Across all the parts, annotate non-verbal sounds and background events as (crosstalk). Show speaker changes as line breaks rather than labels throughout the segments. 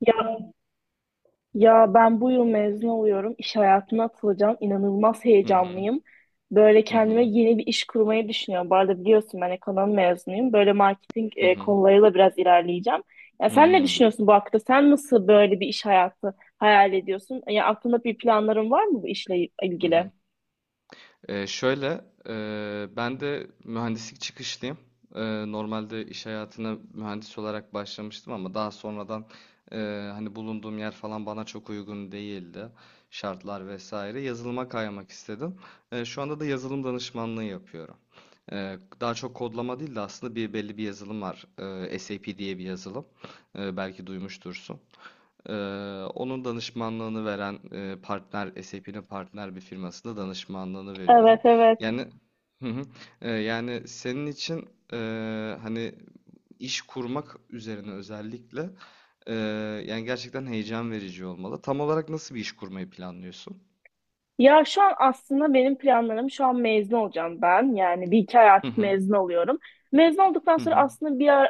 Ya, ya ben bu yıl mezun oluyorum. İş hayatına atılacağım. İnanılmaz
Hı hı,
heyecanlıyım. Böyle
hı
kendime
hı,
yeni bir iş kurmayı düşünüyorum. Bu arada biliyorsun ben ekonomi mezunuyum. Böyle marketing
hı hı,
konularıyla biraz ilerleyeceğim. Ya sen ne
hmm,
düşünüyorsun bu hakta? Sen nasıl böyle bir iş hayatı hayal ediyorsun? Ya aklında bir planların var mı bu işle
hı hı.
ilgili?
Şöyle, ben de mühendislik çıkışlıyım. Normalde iş hayatına mühendis olarak başlamıştım ama daha sonradan e, hani bulunduğum yer falan bana çok uygun değildi. Şartlar vesaire. Yazılıma kaymak istedim. Şu anda da yazılım danışmanlığı yapıyorum. Daha çok kodlama değil de aslında bir belli bir yazılım var. SAP diye bir yazılım. Belki duymuştursun. Ee, Onun danışmanlığını veren SAP'nin partner bir firmasında danışmanlığını
Evet
veriyorum.
evet.
Yani, hı hı. Yani, senin için hani iş kurmak üzerine özellikle e, yani gerçekten heyecan verici olmalı. Tam olarak nasıl bir iş kurmayı planlıyorsun?
Ya şu an aslında benim planlarım şu an mezun olacağım ben. Yani bir iki ay
Hı
artık
hı.
mezun oluyorum. Mezun olduktan
Hı
sonra
hı.
aslında bir yer,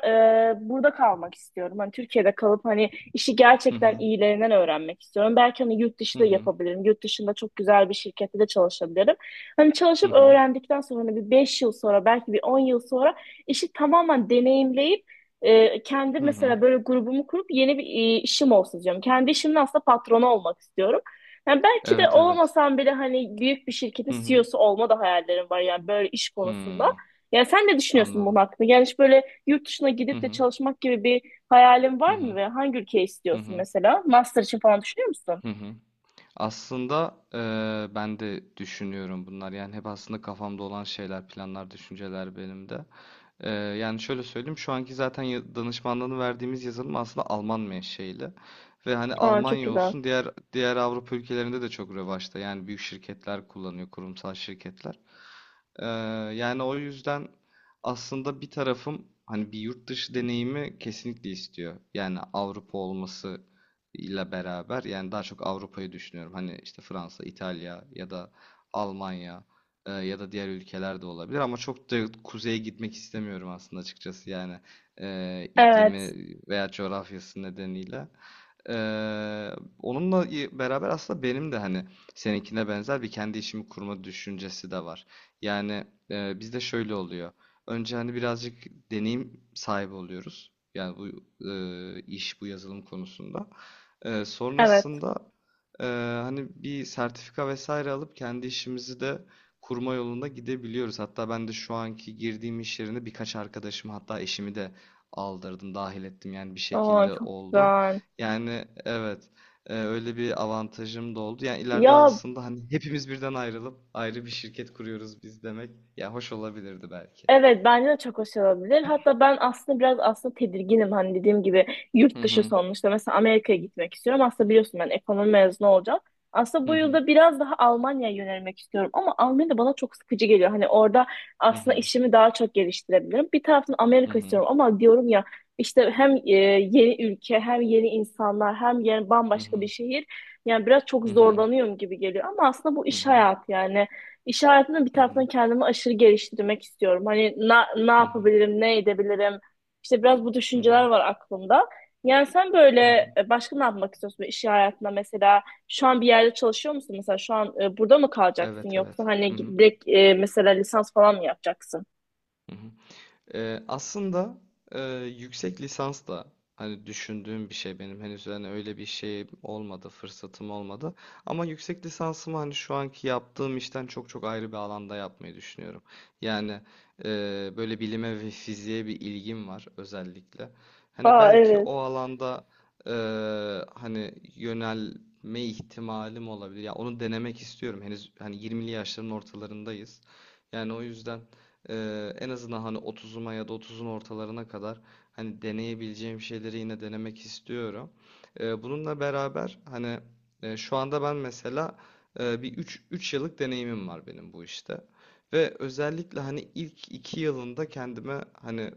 burada kalmak istiyorum. Hani Türkiye'de kalıp hani işi
Hı
gerçekten
hı.
iyilerinden öğrenmek istiyorum. Belki hani yurt dışı
Hı
da
hı.
yapabilirim. Yurt dışında çok güzel bir şirkette de çalışabilirim. Hani
Hı
çalışıp
hı.
öğrendikten sonra hani bir 5 yıl sonra belki bir 10 yıl sonra işi tamamen deneyimleyip kendi
Hı hı.
mesela böyle grubumu kurup yeni bir işim olsun diyorum. Kendi işimin aslında patronu olmak istiyorum. Yani belki de
Evet, evet.
olamasam bile hani büyük bir şirketin
Hı hı.
CEO'su olma da hayallerim var yani böyle iş konusunda.
Hmm.
Yani sen ne düşünüyorsun bunun
Anladım.
hakkında? Yani hiç böyle yurt dışına
Hı
gidip de
hı.
çalışmak gibi bir hayalin
Hı
var mı
hı.
ve hangi ülke
Hı
istiyorsun
hı.
mesela? Master için falan düşünüyor musun?
Hı hı. Aslında ben de düşünüyorum bunlar. Yani hep aslında kafamda olan şeyler, planlar, düşünceler benim de. Yani şöyle söyleyeyim, şu anki zaten danışmanlığını verdiğimiz yazılım aslında Alman menşeili. Ve hani
Aa çok
Almanya
güzel.
olsun diğer Avrupa ülkelerinde de çok revaçta. Yani büyük şirketler kullanıyor, kurumsal şirketler. Ee, Yani o yüzden aslında bir tarafım hani bir yurt dışı deneyimi kesinlikle istiyor. Yani Avrupa olması ile beraber yani daha çok Avrupa'yı düşünüyorum. Hani işte Fransa, İtalya ya da Almanya ya da diğer ülkeler de olabilir ama çok da kuzeye gitmek istemiyorum aslında açıkçası yani
Evet,
iklimi veya coğrafyası nedeniyle. Eee, Onunla beraber aslında benim de hani seninkine benzer bir kendi işimi kurma düşüncesi de var. Yani bizde şöyle oluyor. Önce hani birazcık deneyim sahibi oluyoruz. Yani bu iş, bu yazılım konusunda.
evet.
Sonrasında eee, hani bir sertifika vesaire alıp kendi işimizi de kurma yolunda gidebiliyoruz. Hatta ben de şu anki girdiğim iş yerine birkaç arkadaşım hatta eşimi de aldırdım, dahil ettim. Yani bir
Aa
şekilde
çok
oldu.
güzel.
Yani evet, öyle bir avantajım da oldu. Yani ileride
Ya
aslında hani hepimiz birden ayrılıp ayrı bir şirket kuruyoruz biz demek. Ya, hoş olabilirdi belki.
evet bence de çok hoş olabilir. Hatta ben aslında biraz aslında tedirginim hani dediğim gibi
Hı
yurt dışı
hı.
sonuçta mesela Amerika'ya gitmek istiyorum. Aslında biliyorsun ben ekonomi mezunu olacağım. Aslında
Hı
bu
hı.
yılda biraz daha Almanya'ya yönelmek istiyorum ama Almanya da bana çok sıkıcı geliyor. Hani orada
Hı
aslında
hı.
işimi daha çok geliştirebilirim. Bir taraftan
Hı
Amerika
hı.
istiyorum ama diyorum ya işte hem yeni ülke hem yeni insanlar hem yeni
Hı
bambaşka bir
hı.
şehir. Yani biraz çok
Hı hı.
zorlanıyorum gibi geliyor ama aslında bu
Hı
iş
hı.
hayatı yani. İş hayatında bir
Hı hı.
taraftan kendimi aşırı geliştirmek istiyorum. Hani ne
Hı hı.
yapabilirim, ne edebilirim? İşte biraz bu
Hı
düşünceler
hı.
var aklımda. Yani sen böyle başka ne yapmak istiyorsun iş hayatında mesela? Şu an bir yerde çalışıyor musun? Mesela şu an burada mı kalacaksın
Evet, evet.
yoksa
Hı
hani
hı.
direkt mesela lisans falan mı yapacaksın?
Hı hı. Aslında e, yüksek lisans da hani düşündüğüm bir şey benim, henüz hani öyle bir şey olmadı, fırsatım olmadı ama yüksek lisansımı hani şu anki yaptığım işten çok çok ayrı bir alanda yapmayı düşünüyorum. Yani e, böyle bilime ve fiziğe bir ilgim var özellikle. Hani
Aa
belki
evet.
o alanda e, hani yönelme ihtimalim olabilir. Ya, onu denemek istiyorum. Henüz hani 20'li yaşların ortalarındayız. Yani o yüzden. En azından hani 30'uma ya da 30'un ortalarına kadar hani deneyebileceğim şeyleri yine denemek istiyorum. Bununla beraber hani şu anda ben mesela bir 3 yıllık deneyimim var benim bu işte. Ve özellikle hani ilk 2 yılında kendime hani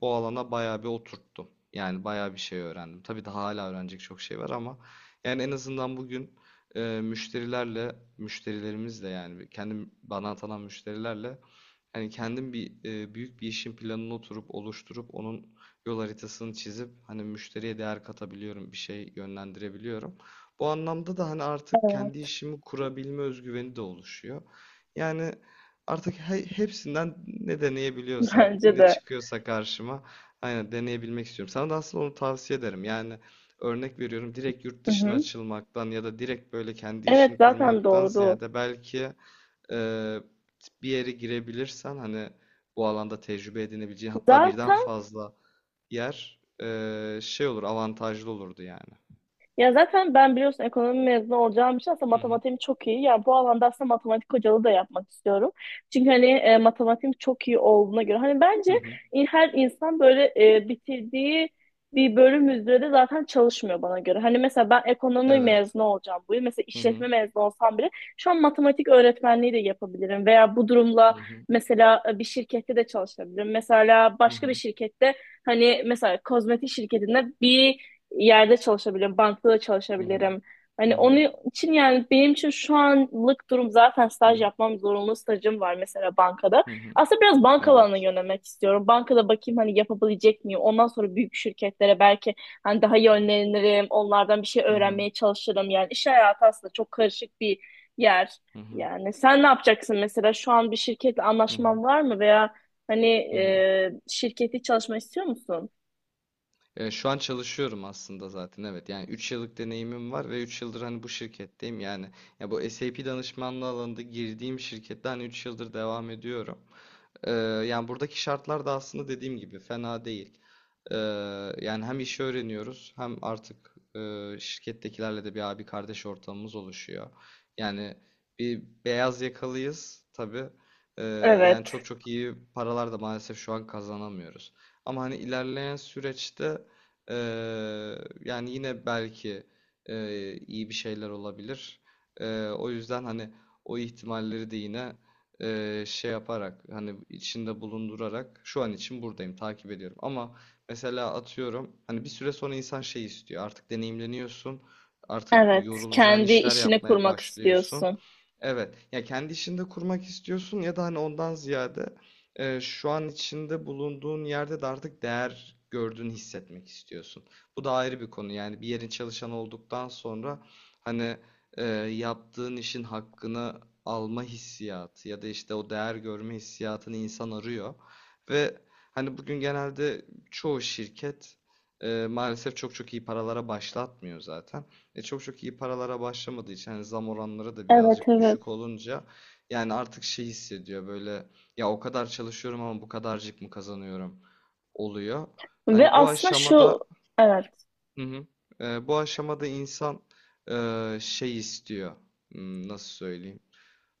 bu alana bayağı bir oturttum. Yani bayağı bir şey öğrendim. Tabii daha hala öğrenecek çok şey var ama yani en azından bugün müşterilerle, müşterilerimizle yani kendi bana atanan müşterilerle. Hani kendim bir büyük bir işin planını oturup oluşturup onun yol haritasını çizip hani müşteriye değer katabiliyorum, bir şey yönlendirebiliyorum. Bu anlamda da hani artık kendi
Evet,
işimi kurabilme özgüveni de oluşuyor. Yani artık hepsinden ne
(laughs)
deneyebiliyorsam,
bence
ne
de.
çıkıyorsa karşıma aynen deneyebilmek istiyorum. Sana da aslında onu tavsiye ederim. Yani örnek veriyorum, direkt yurt
Hı
dışına
hı.
açılmaktan ya da direkt böyle kendi
Evet
işini
zaten
kurmaktan
doğru.
ziyade belki ee, bir yere girebilirsen hani bu alanda tecrübe edinebileceğin, hatta birden
Zaten
fazla yer şey olur, avantajlı olurdu yani.
Ya zaten ben biliyorsun ekonomi mezunu olacağım için aslında
Hı hı.
matematiğim çok iyi. Yani bu alanda aslında matematik hocalığı da yapmak istiyorum. Çünkü hani matematiğim çok iyi olduğuna göre. Hani bence
Hı hı.
her insan böyle bitirdiği bir bölüm üzere de zaten çalışmıyor bana göre. Hani mesela ben ekonomi
Evet.
mezunu olacağım bu yıl. Mesela
Hı hı.
işletme mezunu olsam bile şu an matematik öğretmenliği de yapabilirim. Veya bu durumla
Hı hı.
mesela bir şirkette de çalışabilirim. Mesela
Hı
başka bir
hı.
şirkette hani mesela kozmetik şirketinde bir yerde çalışabilirim, bankada da
Hı hı.
çalışabilirim.
Hı
Hani
hı.
onun için yani benim için şu anlık durum zaten
Hı
staj
hı.
yapmam zorunlu stajım var mesela bankada.
Hı hı.
Aslında biraz banka
Evet.
alanına yönelmek istiyorum. Bankada bakayım hani yapabilecek miyim? Ondan sonra büyük şirketlere belki hani daha yönlenirim. Onlardan bir şey
Hı hı.
öğrenmeye çalışırım. Yani iş hayatı aslında çok karışık bir yer.
Hı hı.
Yani sen ne yapacaksın mesela şu an bir şirketle
Hı hı.
anlaşman var mı veya hani
Hı hı.
şirketi çalışma istiyor musun?
Şu an çalışıyorum aslında, zaten evet, yani 3 yıllık deneyimim var ve 3 yıldır hani bu şirketteyim yani, ya bu SAP danışmanlığı alanında girdiğim şirkette hani 3 yıldır devam ediyorum. Ee, Yani buradaki şartlar da aslında dediğim gibi fena değil. Ee, Yani hem işi öğreniyoruz hem artık şirkettekilerle de bir abi kardeş ortamımız oluşuyor. Yani bir beyaz yakalıyız tabii. Ee, Yani çok
Evet.
çok iyi paralar da maalesef şu an kazanamıyoruz. Ama hani ilerleyen süreçte e, yani yine belki iyi bir şeyler olabilir. O yüzden hani o ihtimalleri de yine şey yaparak, hani içinde bulundurarak şu an için buradayım, takip ediyorum. Ama mesela atıyorum hani bir süre sonra insan şey istiyor, artık deneyimleniyorsun, artık
Evet,
yorulacağın
kendi
işler
işini
yapmaya
kurmak
başlıyorsun.
istiyorsun.
Evet, ya kendi işinde kurmak istiyorsun ya da hani ondan ziyade şu an içinde bulunduğun yerde de artık değer gördüğünü hissetmek istiyorsun. Bu da ayrı bir konu yani, bir yerin çalışanı olduktan sonra hani e, yaptığın işin hakkını alma hissiyatı ya da işte o değer görme hissiyatını insan arıyor. Ve hani bugün genelde çoğu şirket maalesef çok çok iyi paralara başlatmıyor zaten. Çok çok iyi paralara başlamadığı için hani zam oranları da
Evet,
birazcık
evet.
düşük olunca yani artık şey hissediyor böyle, ya o kadar çalışıyorum ama bu kadarcık mı kazanıyorum oluyor.
Ve
Hani bu
aslında şu,
aşamada.
evet,
Hı hı. Bu aşamada insan şey istiyor. Nasıl söyleyeyim?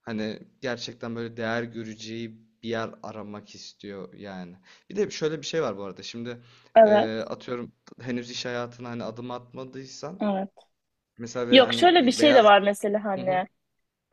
Hani gerçekten böyle değer göreceği bir yer aramak istiyor yani. Bir de şöyle bir şey var bu arada. Şimdi
evet,
atıyorum, henüz iş hayatına hani adım atmadıysan
evet.
mesela, ve
Yok,
hani
şöyle bir
bir
şey de
beyaz.
var mesela
Hı
hani.
hı.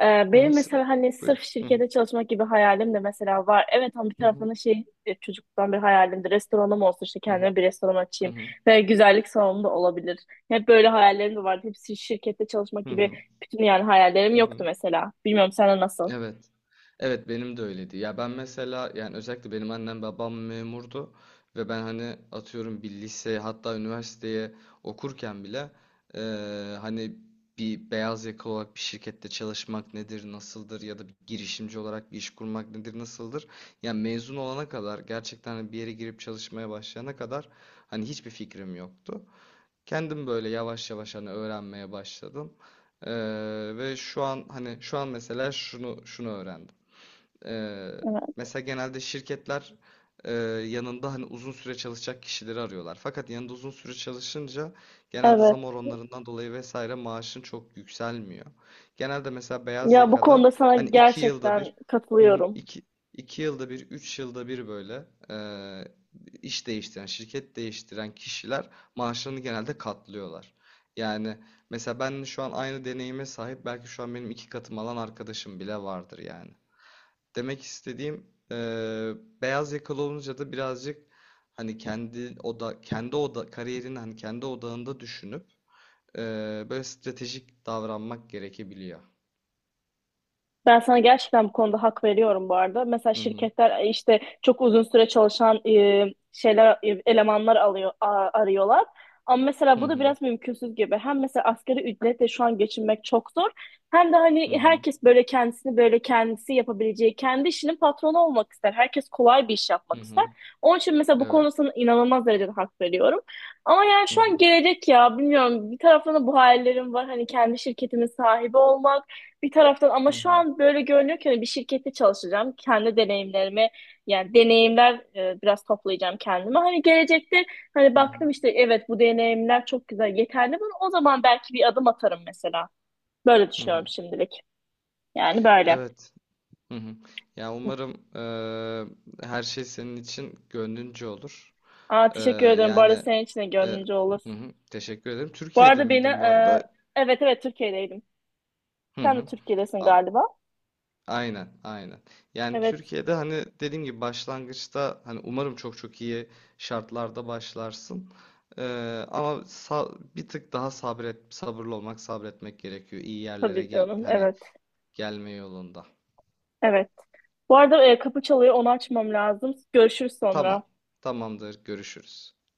Hı hı.
Benim mesela hani
Buyur.
sırf şirkete çalışmak gibi hayalim de mesela var. Evet ama bir
Hı.
taraftan da şey çocukluktan bir hayalimdi. Restoranım olsun işte kendime bir restoran
Hı
açayım.
hı.
Ve güzellik salonum da olabilir. Hep böyle hayallerim de vardı. Hepsi şirkette çalışmak
Hı hı. Hı
gibi
hı.
bütün yani hayallerim
Hı
yoktu
hı.
mesela. Bilmiyorum sana nasıl?
Evet. Evet, benim de öyleydi. Ya ben mesela yani özellikle benim annem babam memurdu ve ben hani atıyorum bir liseye, hatta üniversiteye okurken bile hani bir beyaz yakalı olarak bir şirkette çalışmak nedir, nasıldır ya da bir girişimci olarak bir iş kurmak nedir, nasıldır? Yani mezun olana kadar, gerçekten hani bir yere girip çalışmaya başlayana kadar hani hiçbir fikrim yoktu. Kendim böyle yavaş yavaş hani öğrenmeye başladım. Eee, Ve şu an hani şu an mesela şunu şunu öğrendim. Ee,
Evet.
Mesela genelde şirketler e, yanında hani uzun süre çalışacak kişileri arıyorlar. Fakat yanında uzun süre çalışınca genelde zam
Evet.
oranlarından dolayı vesaire maaşın çok yükselmiyor. Genelde mesela beyaz
Ya bu
yakada
konuda sana
hani iki yılda
gerçekten
bir hı hı,
katılıyorum.
iki yılda bir, 3 yılda bir, böyle e, iş değiştiren, şirket değiştiren kişiler maaşlarını genelde katlıyorlar. Yani mesela ben şu an aynı deneyime sahip belki şu an benim iki katım alan arkadaşım bile vardır yani. Demek istediğim beyaz yakalı olunca da birazcık hani kendi oda kendi oda kariyerini hani kendi odağında düşünüp böyle stratejik davranmak gerekebiliyor.
Ben sana gerçekten bu konuda hak veriyorum bu arada. Mesela
Hı hı,
şirketler işte çok uzun süre çalışan elemanlar alıyor arıyorlar. Ama mesela
hı
bu da
hı,
biraz mümkünsüz gibi. Hem mesela asgari ücretle şu an geçinmek çok zor. Hem de
hı
hani
hı,
herkes böyle kendisini böyle kendisi yapabileceği, kendi işinin patronu olmak ister. Herkes kolay bir iş
hı
yapmak ister.
hı.
Onun için mesela bu
Evet.
konusuna inanılmaz derecede hak veriyorum. Ama yani
Hı
şu
hı,
an gelecek ya bilmiyorum. Bir taraftan da bu hayallerim var. Hani kendi şirketimin sahibi olmak bir taraftan ama
hı
şu
hı,
an böyle görünüyor ki hani bir şirkette çalışacağım. Kendi deneyimlerimi yani deneyimler biraz toplayacağım kendime. Hani gelecekte hani
hı hı,
baktım işte evet bu deneyimler çok güzel yeterli mi? O zaman belki bir adım atarım mesela. Böyle
hı
düşünüyorum
hı.
şimdilik. Yani böyle.
Evet. Hı hı. Ya, umarım her şey senin için gönlünce olur.
Aa,
Eee,
teşekkür ederim. Bu arada
Yani,
senin için de
e,
gönlünce olur.
hı hı. Teşekkür ederim.
Bu
Türkiye'de
arada beni
miydin bu arada?
evet evet Türkiye'deydim.
Hı
Sen de
hı.
Türkiye'desin
An-
galiba.
Aynen, aynen. Yani
Evet
Türkiye'de hani dediğim gibi başlangıçta hani umarım çok çok iyi şartlarda başlarsın. Ama bir tık daha sabret, sabırlı olmak, sabretmek gerekiyor. İyi yerlere
tabii
gel
canım.
hani,
Evet.
gelme yolunda.
Evet. Bu arada kapı çalıyor. Onu açmam lazım. Görüşürüz
Tamam,
sonra.
tamamdır. Görüşürüz.